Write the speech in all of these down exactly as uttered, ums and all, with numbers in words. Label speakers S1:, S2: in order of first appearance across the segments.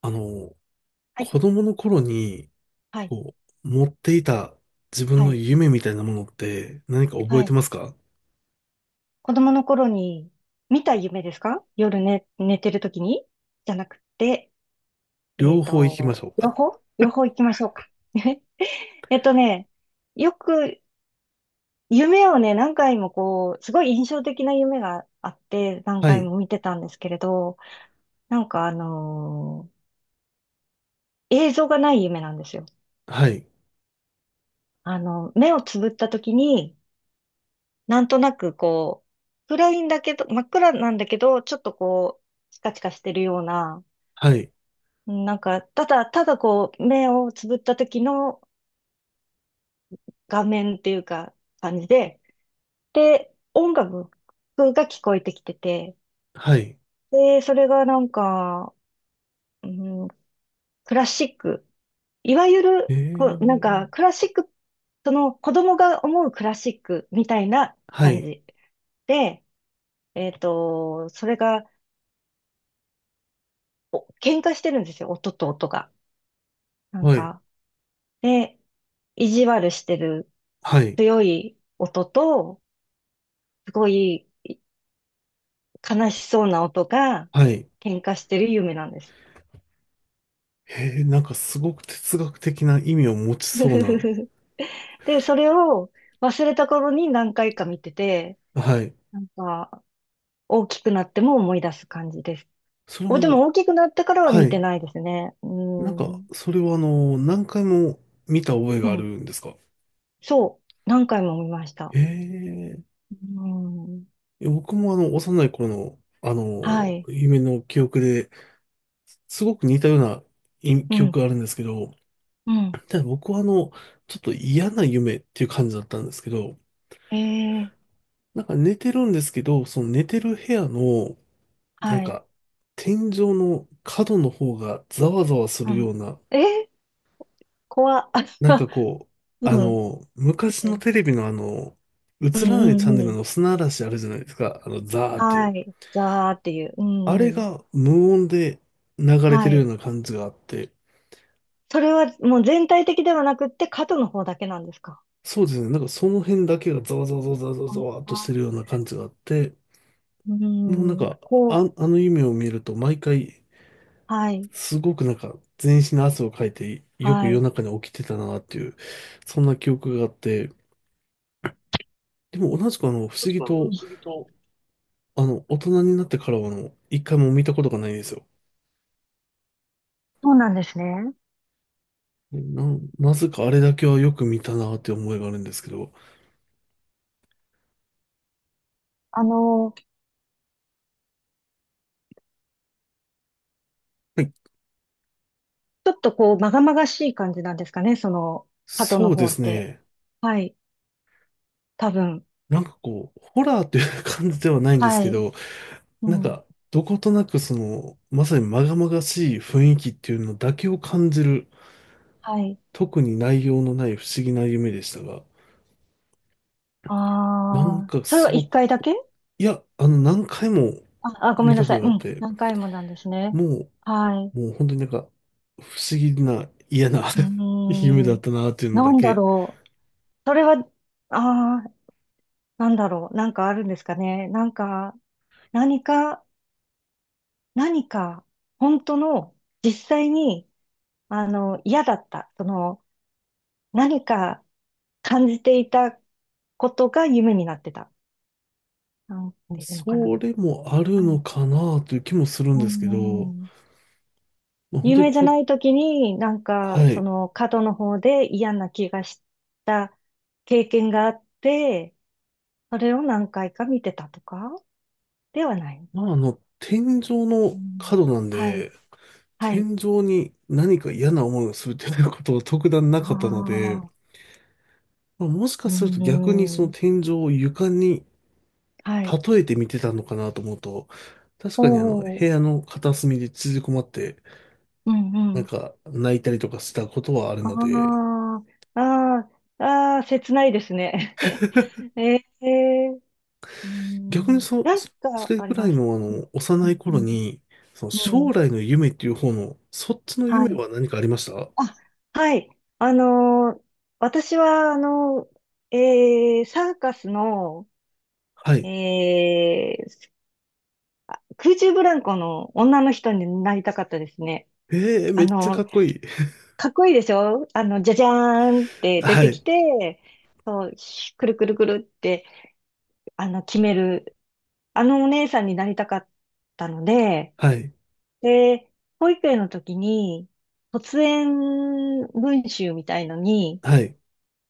S1: あの、
S2: はい、
S1: 子供の頃に、
S2: はい、
S1: こう、持っていた自分
S2: は
S1: の
S2: い、
S1: 夢みたいなものって何か覚え
S2: は
S1: て
S2: い。
S1: ますか？
S2: 子供の頃に見た夢ですか？夜寝、寝てる時にじゃなくて、え
S1: 両
S2: っ
S1: 方行きまし
S2: と、
S1: ょう。
S2: 両方両方行きましょうか。えっとね、よく夢をね、何回もこう、すごい印象的な夢があって、何
S1: は
S2: 回
S1: い、
S2: も見てたんですけれど、なんかあのー映像がない夢なんですよ。
S1: はい、
S2: あの、目をつぶった時に、なんとなくこう、暗いんだけど、真っ暗なんだけど、ちょっとこう、チカチカしてるような、
S1: はい、
S2: うんなんか、ただ、ただこう、目をつぶった時の画面っていうか、感じで、で、音楽が聞こえてきてて、
S1: はい。
S2: で、それがなんか、うん、クラシック、いわゆ
S1: え
S2: る、こう、なん
S1: ー、
S2: か、クラシック、その子供が思うクラシックみたいな
S1: は
S2: 感
S1: い、
S2: じで、えっと、それが、お喧嘩してるんですよ、音と音が。なん
S1: はい、
S2: か、で、意地悪してる
S1: はい、
S2: 強い音と、すごい悲しそうな音が
S1: はい。
S2: 喧嘩してる夢なんです。
S1: えー、なんかすごく哲学的な意味を持ち
S2: ふ
S1: そう
S2: ふふ
S1: な。
S2: ふで、それを忘れた頃に何回か見てて、
S1: はい。
S2: なんか、大きくなっても思い出す感じです。
S1: それ
S2: お、で
S1: も、
S2: も大きくなってからは
S1: は
S2: 見て
S1: い。
S2: ないですね。う
S1: なんか、
S2: ん。
S1: それはあの、何回も見た覚え
S2: う
S1: がある
S2: ん。
S1: んですか？
S2: そう。何回も見ました。
S1: えー、
S2: うん。
S1: いや僕もあの、幼い頃の、あ
S2: は
S1: の、
S2: い。
S1: 夢の記憶で、すごく似たようない
S2: う
S1: 記憶
S2: ん。
S1: があるんですけど、
S2: うん。
S1: ただ僕はあの、ちょっと嫌な夢っていう感じだったんですけど、
S2: ええ
S1: なんか寝てるんですけど、その寝てる部屋の、なん
S2: はい。
S1: か、天井の角の方がざわざわす
S2: う
S1: る
S2: ん。
S1: ような、
S2: え怖っ。
S1: なんか こう、あ
S2: うん。
S1: の、昔
S2: う
S1: の
S2: ん。
S1: テレビのあの、
S2: うん
S1: 映らない
S2: う
S1: チャン
S2: ん
S1: ネ
S2: う
S1: ル
S2: ん。
S1: の砂嵐あるじゃないですか、あの、ザーってい
S2: は
S1: う。
S2: い。ザーっていう。う
S1: あれ
S2: んうん。
S1: が無音で流れて
S2: は
S1: るよ
S2: い。
S1: うな感じがあって、
S2: それはもう全体的ではなくって、角の方だけなんですか？
S1: そうですね、なんかその辺だけがざわざわざわざわざわざわっとしてる
S2: あ
S1: ような感じがあって、
S2: う
S1: もうなん
S2: ん。
S1: か、
S2: こ
S1: あ、
S2: う。
S1: あの夢を見ると毎回、
S2: はい。
S1: すごくなんか全身の汗をかいて、よく
S2: は
S1: 夜
S2: い。
S1: 中に起きてたなっていう、そんな記憶があって、でも同じくあの、不思議と、
S2: と、
S1: あの、大人になってからはあの、一回も見たことがないんですよ。
S2: そうなんですね。
S1: な、なぜかあれだけはよく見たなって思いがあるんですけど、
S2: あの、
S1: はい。
S2: ちょっとこう、まがまがしい感じなんですかね、その、角の
S1: そうで
S2: 方っ
S1: す
S2: て。
S1: ね。
S2: はい。多分。
S1: なんかこう、ホラーという感じではないんです
S2: は
S1: け
S2: い。
S1: ど、
S2: う
S1: なん
S2: ん。
S1: か、どことなくその、まさに禍々しい雰囲気っていうのだけを感じる、
S2: はい。
S1: 特に内容のない不思議な夢でしたが、なん
S2: ああ。
S1: か
S2: それ
S1: す
S2: は
S1: ご
S2: 一
S1: く
S2: 回
S1: こ
S2: だ
S1: う、
S2: け
S1: いや、あの、何回も
S2: あ、あ、ごめ
S1: 見
S2: んな
S1: たこ
S2: さい。
S1: とが
S2: う
S1: あっ
S2: ん。
S1: て、
S2: 何回もなんですね。
S1: も
S2: はい。
S1: う、もう本当になんか、不思議な、嫌な
S2: う
S1: 夢だ
S2: ー
S1: っ
S2: ん。
S1: たなっていうの
S2: な
S1: だ
S2: んだ
S1: け、
S2: ろう。それは、ああ、なんだろう。なんかあるんですかね。なんか、何か、何か、本当の、実際に、あの、嫌だった。その、何か感じていたことが夢になってた。なんていうのかな。
S1: それもある
S2: は
S1: の
S2: い。
S1: かなという気もするん
S2: うー
S1: ですけど、
S2: ん。
S1: まあ本
S2: 有
S1: 当に
S2: 名じゃ
S1: こ、
S2: ない時に、なんか、
S1: は
S2: そ
S1: い。
S2: の、角の方で嫌な気がした経験があって、それを何回か見てたとかではない。
S1: まあ、あの、天井
S2: う
S1: の角
S2: ん、
S1: なん
S2: はい、
S1: で、
S2: はい。
S1: 天井に何か嫌な思いをするということは特段な
S2: あ
S1: かったので、
S2: あ、
S1: まあ、もしか
S2: う
S1: すると逆にその
S2: ん、
S1: 天井を床に
S2: はい。
S1: 例えて見てたのかなと思うと、確
S2: お
S1: かにあの、部
S2: お、
S1: 屋の片隅で縮こまって、
S2: うん、う
S1: なん
S2: ん。
S1: か泣いたりとかしたことはあるので、
S2: ああ、ああ、ああ、切ないですね。ええ、う
S1: 逆に
S2: ん、
S1: そ、
S2: なん
S1: そそ
S2: か
S1: れ
S2: あ
S1: ぐ
S2: り
S1: ら
S2: ま
S1: い
S2: す。
S1: のあ
S2: うん、
S1: の、幼い頃に、その
S2: うん、うん。う
S1: 将
S2: ん
S1: 来の夢っていう方の、そっちの
S2: は
S1: 夢
S2: い。
S1: は何かありました？
S2: あ、はい。あのー私は、あのーえーサーカスの、
S1: は
S2: え
S1: い。
S2: ー空中ブランコの女の人になりたかったですね。
S1: ええ、
S2: あ
S1: めっちゃか
S2: の、
S1: っこいい。
S2: かっこいいでしょあの、じゃじゃーんっ て出
S1: は
S2: てき
S1: い。
S2: て、そう、ひくるくるくるって、あの、決める、あのお姉さんになりたかったので、
S1: はい。
S2: で、保育園の時に、卒園文集みたいのに、
S1: はい。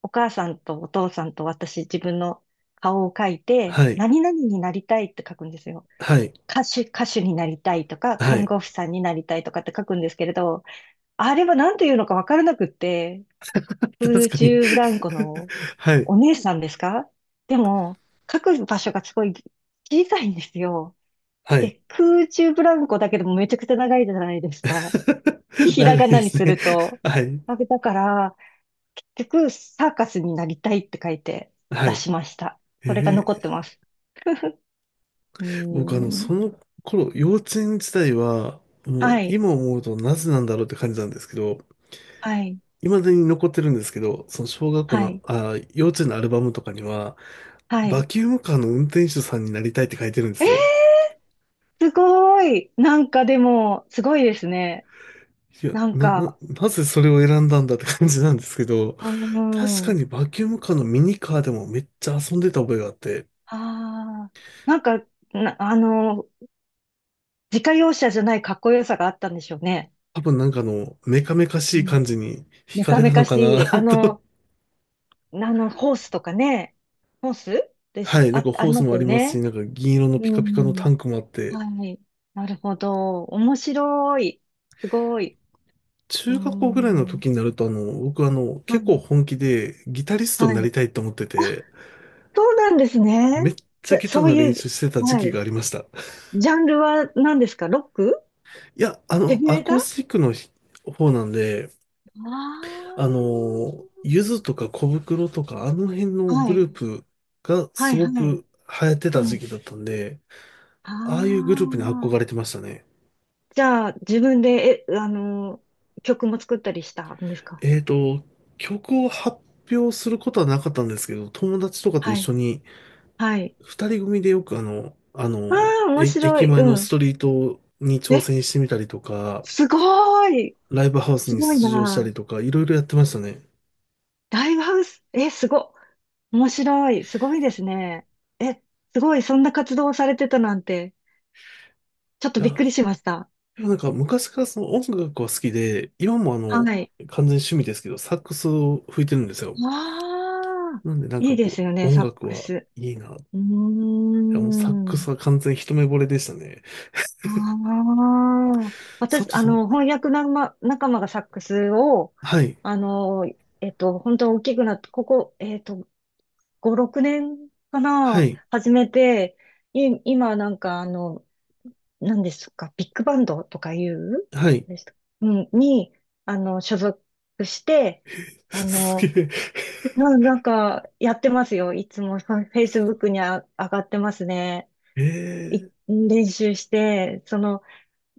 S2: お母さんとお父さんと私、自分の顔を書いて、
S1: はい。
S2: 何々になりたいって書くんですよ。
S1: はい。
S2: 歌手、歌手になりたいとか、
S1: は
S2: 看
S1: い。
S2: 護婦さんになりたいとかって書くんですけれど、あれは何て言うのか分からなくって、
S1: 確
S2: 空
S1: かに。
S2: 中ブランコの
S1: はい。
S2: お姉さんですか？でも、書く場所がすごい小さいんですよ。
S1: はい。
S2: で、空中ブランコだけでもめちゃくちゃ長いじゃないですか。ひら
S1: 長い
S2: がな
S1: で
S2: に
S1: す
S2: す
S1: ね。
S2: ると。
S1: はい。
S2: だから、結局、サーカスになりたいって書いて
S1: は
S2: 出
S1: い。
S2: しました。
S1: え
S2: それが残って
S1: ー、
S2: ます。うー
S1: 僕あの、そ
S2: ん。
S1: の頃、幼稚園時代は、もう
S2: はい。
S1: 今思うとなぜなんだろうって感じなんですけど、
S2: はい。
S1: 未だに残ってるんですけど、その小学校
S2: は
S1: の、
S2: い。
S1: あー、幼稚園のアルバムとかには、
S2: は
S1: バ
S2: い。
S1: キュームカーの運転手さんになりたいって書いてるんですよ。
S2: すごい。なんかでも、すごいですね。
S1: いや、
S2: なん
S1: な、な、
S2: か、
S1: なぜそれを選んだんだって感じなんですけど、
S2: うー
S1: 確か
S2: ん。
S1: にバキュームカーのミニカーでもめっちゃ遊んでた覚えがあって、
S2: ああ。なんか、な、あの、自家用車じゃないかっこよさがあったんでしょうね。
S1: 多分なんかあの、メカメカしい
S2: うん。
S1: 感じに惹
S2: メ
S1: か
S2: カ
S1: れた
S2: メカ
S1: のか
S2: し
S1: な
S2: い。あ
S1: と。
S2: の、あの、ホースとかね。ホースで
S1: は
S2: す、
S1: い、なん
S2: あ、
S1: か
S2: あ
S1: ホー
S2: り
S1: ス
S2: まし
S1: も
S2: た
S1: あり
S2: よ
S1: ますし、
S2: ね。
S1: なんか銀色の
S2: う
S1: ピカピカの
S2: ん。
S1: タンクもあって、
S2: はい。なるほど。面白い。すごい。うー
S1: 中学校ぐらいの
S2: ん。
S1: 時になるとあの、僕あの、
S2: は
S1: 結構
S2: い。
S1: 本気でギタリストに
S2: は
S1: なり
S2: い。
S1: たいと思って
S2: あ、
S1: て、
S2: そうなんですね。
S1: めっちゃ
S2: そ
S1: ギター
S2: そう
S1: の練
S2: いう、
S1: 習してた時
S2: は
S1: 期が
S2: い。
S1: ありました。
S2: ジャンルは何ですか？ロック
S1: いや、あ
S2: ヘ
S1: の、
S2: ビ
S1: ア
S2: メタ
S1: コー
S2: あ
S1: スティックの方なんで、あ
S2: あ
S1: の、ゆずとか小袋とか、あの辺
S2: ー。
S1: の
S2: は
S1: グ
S2: い。
S1: ループが
S2: は
S1: す
S2: い、
S1: ご
S2: はい。
S1: く流行って
S2: う
S1: た時
S2: ん。
S1: 期だったんで、ああいう
S2: あ
S1: グループに憧れて
S2: あ。
S1: ましたね。
S2: じゃあ、自分で、え、あの、曲も作ったりしたんですか？
S1: えっと、曲を発表することはなかったんですけど、友達とかと一
S2: はい。
S1: 緒に、
S2: はい。
S1: 二人組でよくあの、あ
S2: あ
S1: の、
S2: あ、面
S1: え
S2: 白
S1: 駅
S2: い。
S1: 前の
S2: う
S1: ス
S2: ん。
S1: トリートに挑
S2: え、
S1: 戦してみたりとか、
S2: すごい。
S1: ライブハウス
S2: す
S1: に
S2: ごい
S1: 出場した
S2: な。
S1: りとか、いろいろやってましたね。
S2: ライブハウス、え、すご、面白い、すごいですね。え、すごい、そんな活動をされてたなんて、ちょっ
S1: い
S2: とびっ
S1: や
S2: くりしました。
S1: でもなんか昔からその音楽は好きで、今もあ
S2: は
S1: の、
S2: い。
S1: 完全に趣味ですけど、サックスを吹いてるんですよ。
S2: わあ、
S1: なんでなん
S2: い
S1: か
S2: いで
S1: こ
S2: すよ
S1: う、
S2: ね、
S1: 音
S2: サッ
S1: 楽
S2: ク
S1: は
S2: ス。
S1: いいな。い
S2: うー
S1: やもうサックス
S2: ん。
S1: は完全に一目惚れでしたね。
S2: ああ、
S1: 佐
S2: 私、
S1: 藤
S2: あ
S1: さん、
S2: の、翻訳仲間、仲間がサックスを、
S1: はい、
S2: あの、えっと、本当大きくなって、ここ、えっと、ご、ろくねんか
S1: は
S2: な、
S1: い、
S2: 始めて、い、今なんか、あの、何ですか、ビッグバンドとかいう
S1: はい。
S2: です、うん、に、あの、所属して、あ
S1: す
S2: の、
S1: げ
S2: な、なんか、やってますよ。いつも、フェイスブックにあ、上がってますね。
S1: え。え
S2: い
S1: ー、
S2: 練習して、その、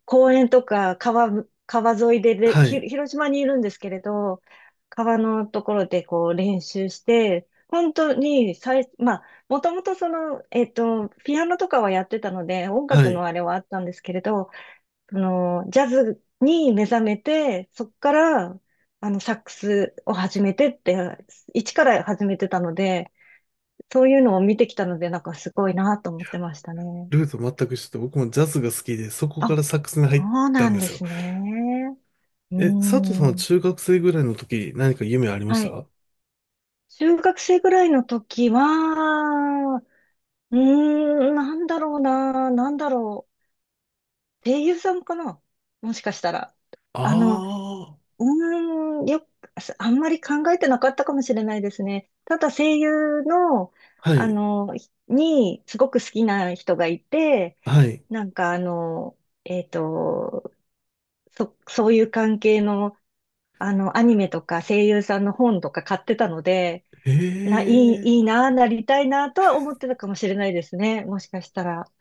S2: 公園とか、川、川沿いでれ
S1: は
S2: ひ、
S1: い、
S2: 広島にいるんですけれど、川のところでこう練習して、本当に最、まあ、もともとその、えっと、ピアノとかはやってたので、音
S1: は
S2: 楽
S1: い。
S2: のあれはあったんですけれど、その、ジャズに目覚めて、そっから、あの、サックスを始めてって、一から始めてたので、そういうのを見てきたので、なんかすごいなと思ってましたね。
S1: ルート全く一緒で、僕もジャズが好きで、そこか
S2: あ、
S1: らサックスに入っ
S2: そう
S1: た
S2: な
S1: ん
S2: ん
S1: で
S2: で
S1: すよ。
S2: すね。うー
S1: え、佐藤さんは
S2: ん。
S1: 中学生ぐらいの時、何か夢ありまし
S2: はい。
S1: た？
S2: 中学生ぐらいの時は、うーん、なんだろうな、なんだろう。声優さんかな、もしかしたら。あの、
S1: ああ、
S2: うーん、よく、あんまり考えてなかったかもしれないですね。ただ声優の、
S1: は
S2: あ
S1: い、
S2: の、に、すごく好きな人がいて、
S1: はい。
S2: なんかあの、えっと、そ、そういう関係の、あの、アニメとか声優さんの本とか買ってたので、な、い
S1: え
S2: い、
S1: え、
S2: いいな、なりたいな、とは思ってたかもしれないですね。もしかしたら。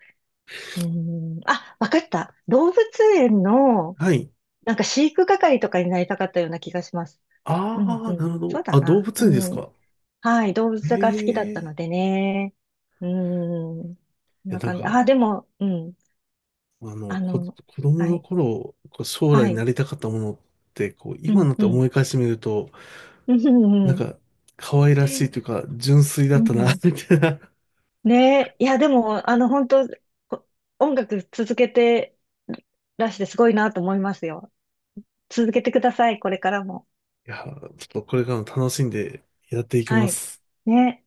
S2: うーん。あ、わかった。動物園の、
S1: はい。
S2: なんか飼育係とかになりたかったような気がします。う
S1: ああ、
S2: ん、う
S1: なる
S2: ん。
S1: ほ
S2: そう
S1: ど。
S2: だ
S1: あ、動
S2: な。
S1: 物
S2: う
S1: 園です
S2: ん。
S1: か。
S2: はい。動
S1: え
S2: 物が好きだっ
S1: え、
S2: たの
S1: い
S2: でね。うん。こん
S1: や、
S2: な
S1: なん
S2: 感じ。あ、
S1: か、
S2: でも、うん。
S1: あの、
S2: あ
S1: こ、
S2: の、
S1: 子供
S2: は
S1: の
S2: い。
S1: 頃、こう将来
S2: は
S1: にな
S2: い。
S1: りたかったものって、こう、
S2: う
S1: 今に
S2: ん、
S1: なって
S2: う
S1: 思
S2: ん。
S1: い返してみると、
S2: うん、
S1: な
S2: う
S1: ん
S2: ん。
S1: か、可愛らしいというか、純粋だ
S2: う
S1: ったな、
S2: ん
S1: みたいな。
S2: ねえ、いや、でも、あの、本当、こ音楽続けてらしてすごいなと思いますよ。続けてください、これからも。
S1: いや、ちょっとこれからも楽しんでやっていき
S2: は
S1: ま
S2: い。
S1: す。
S2: ね。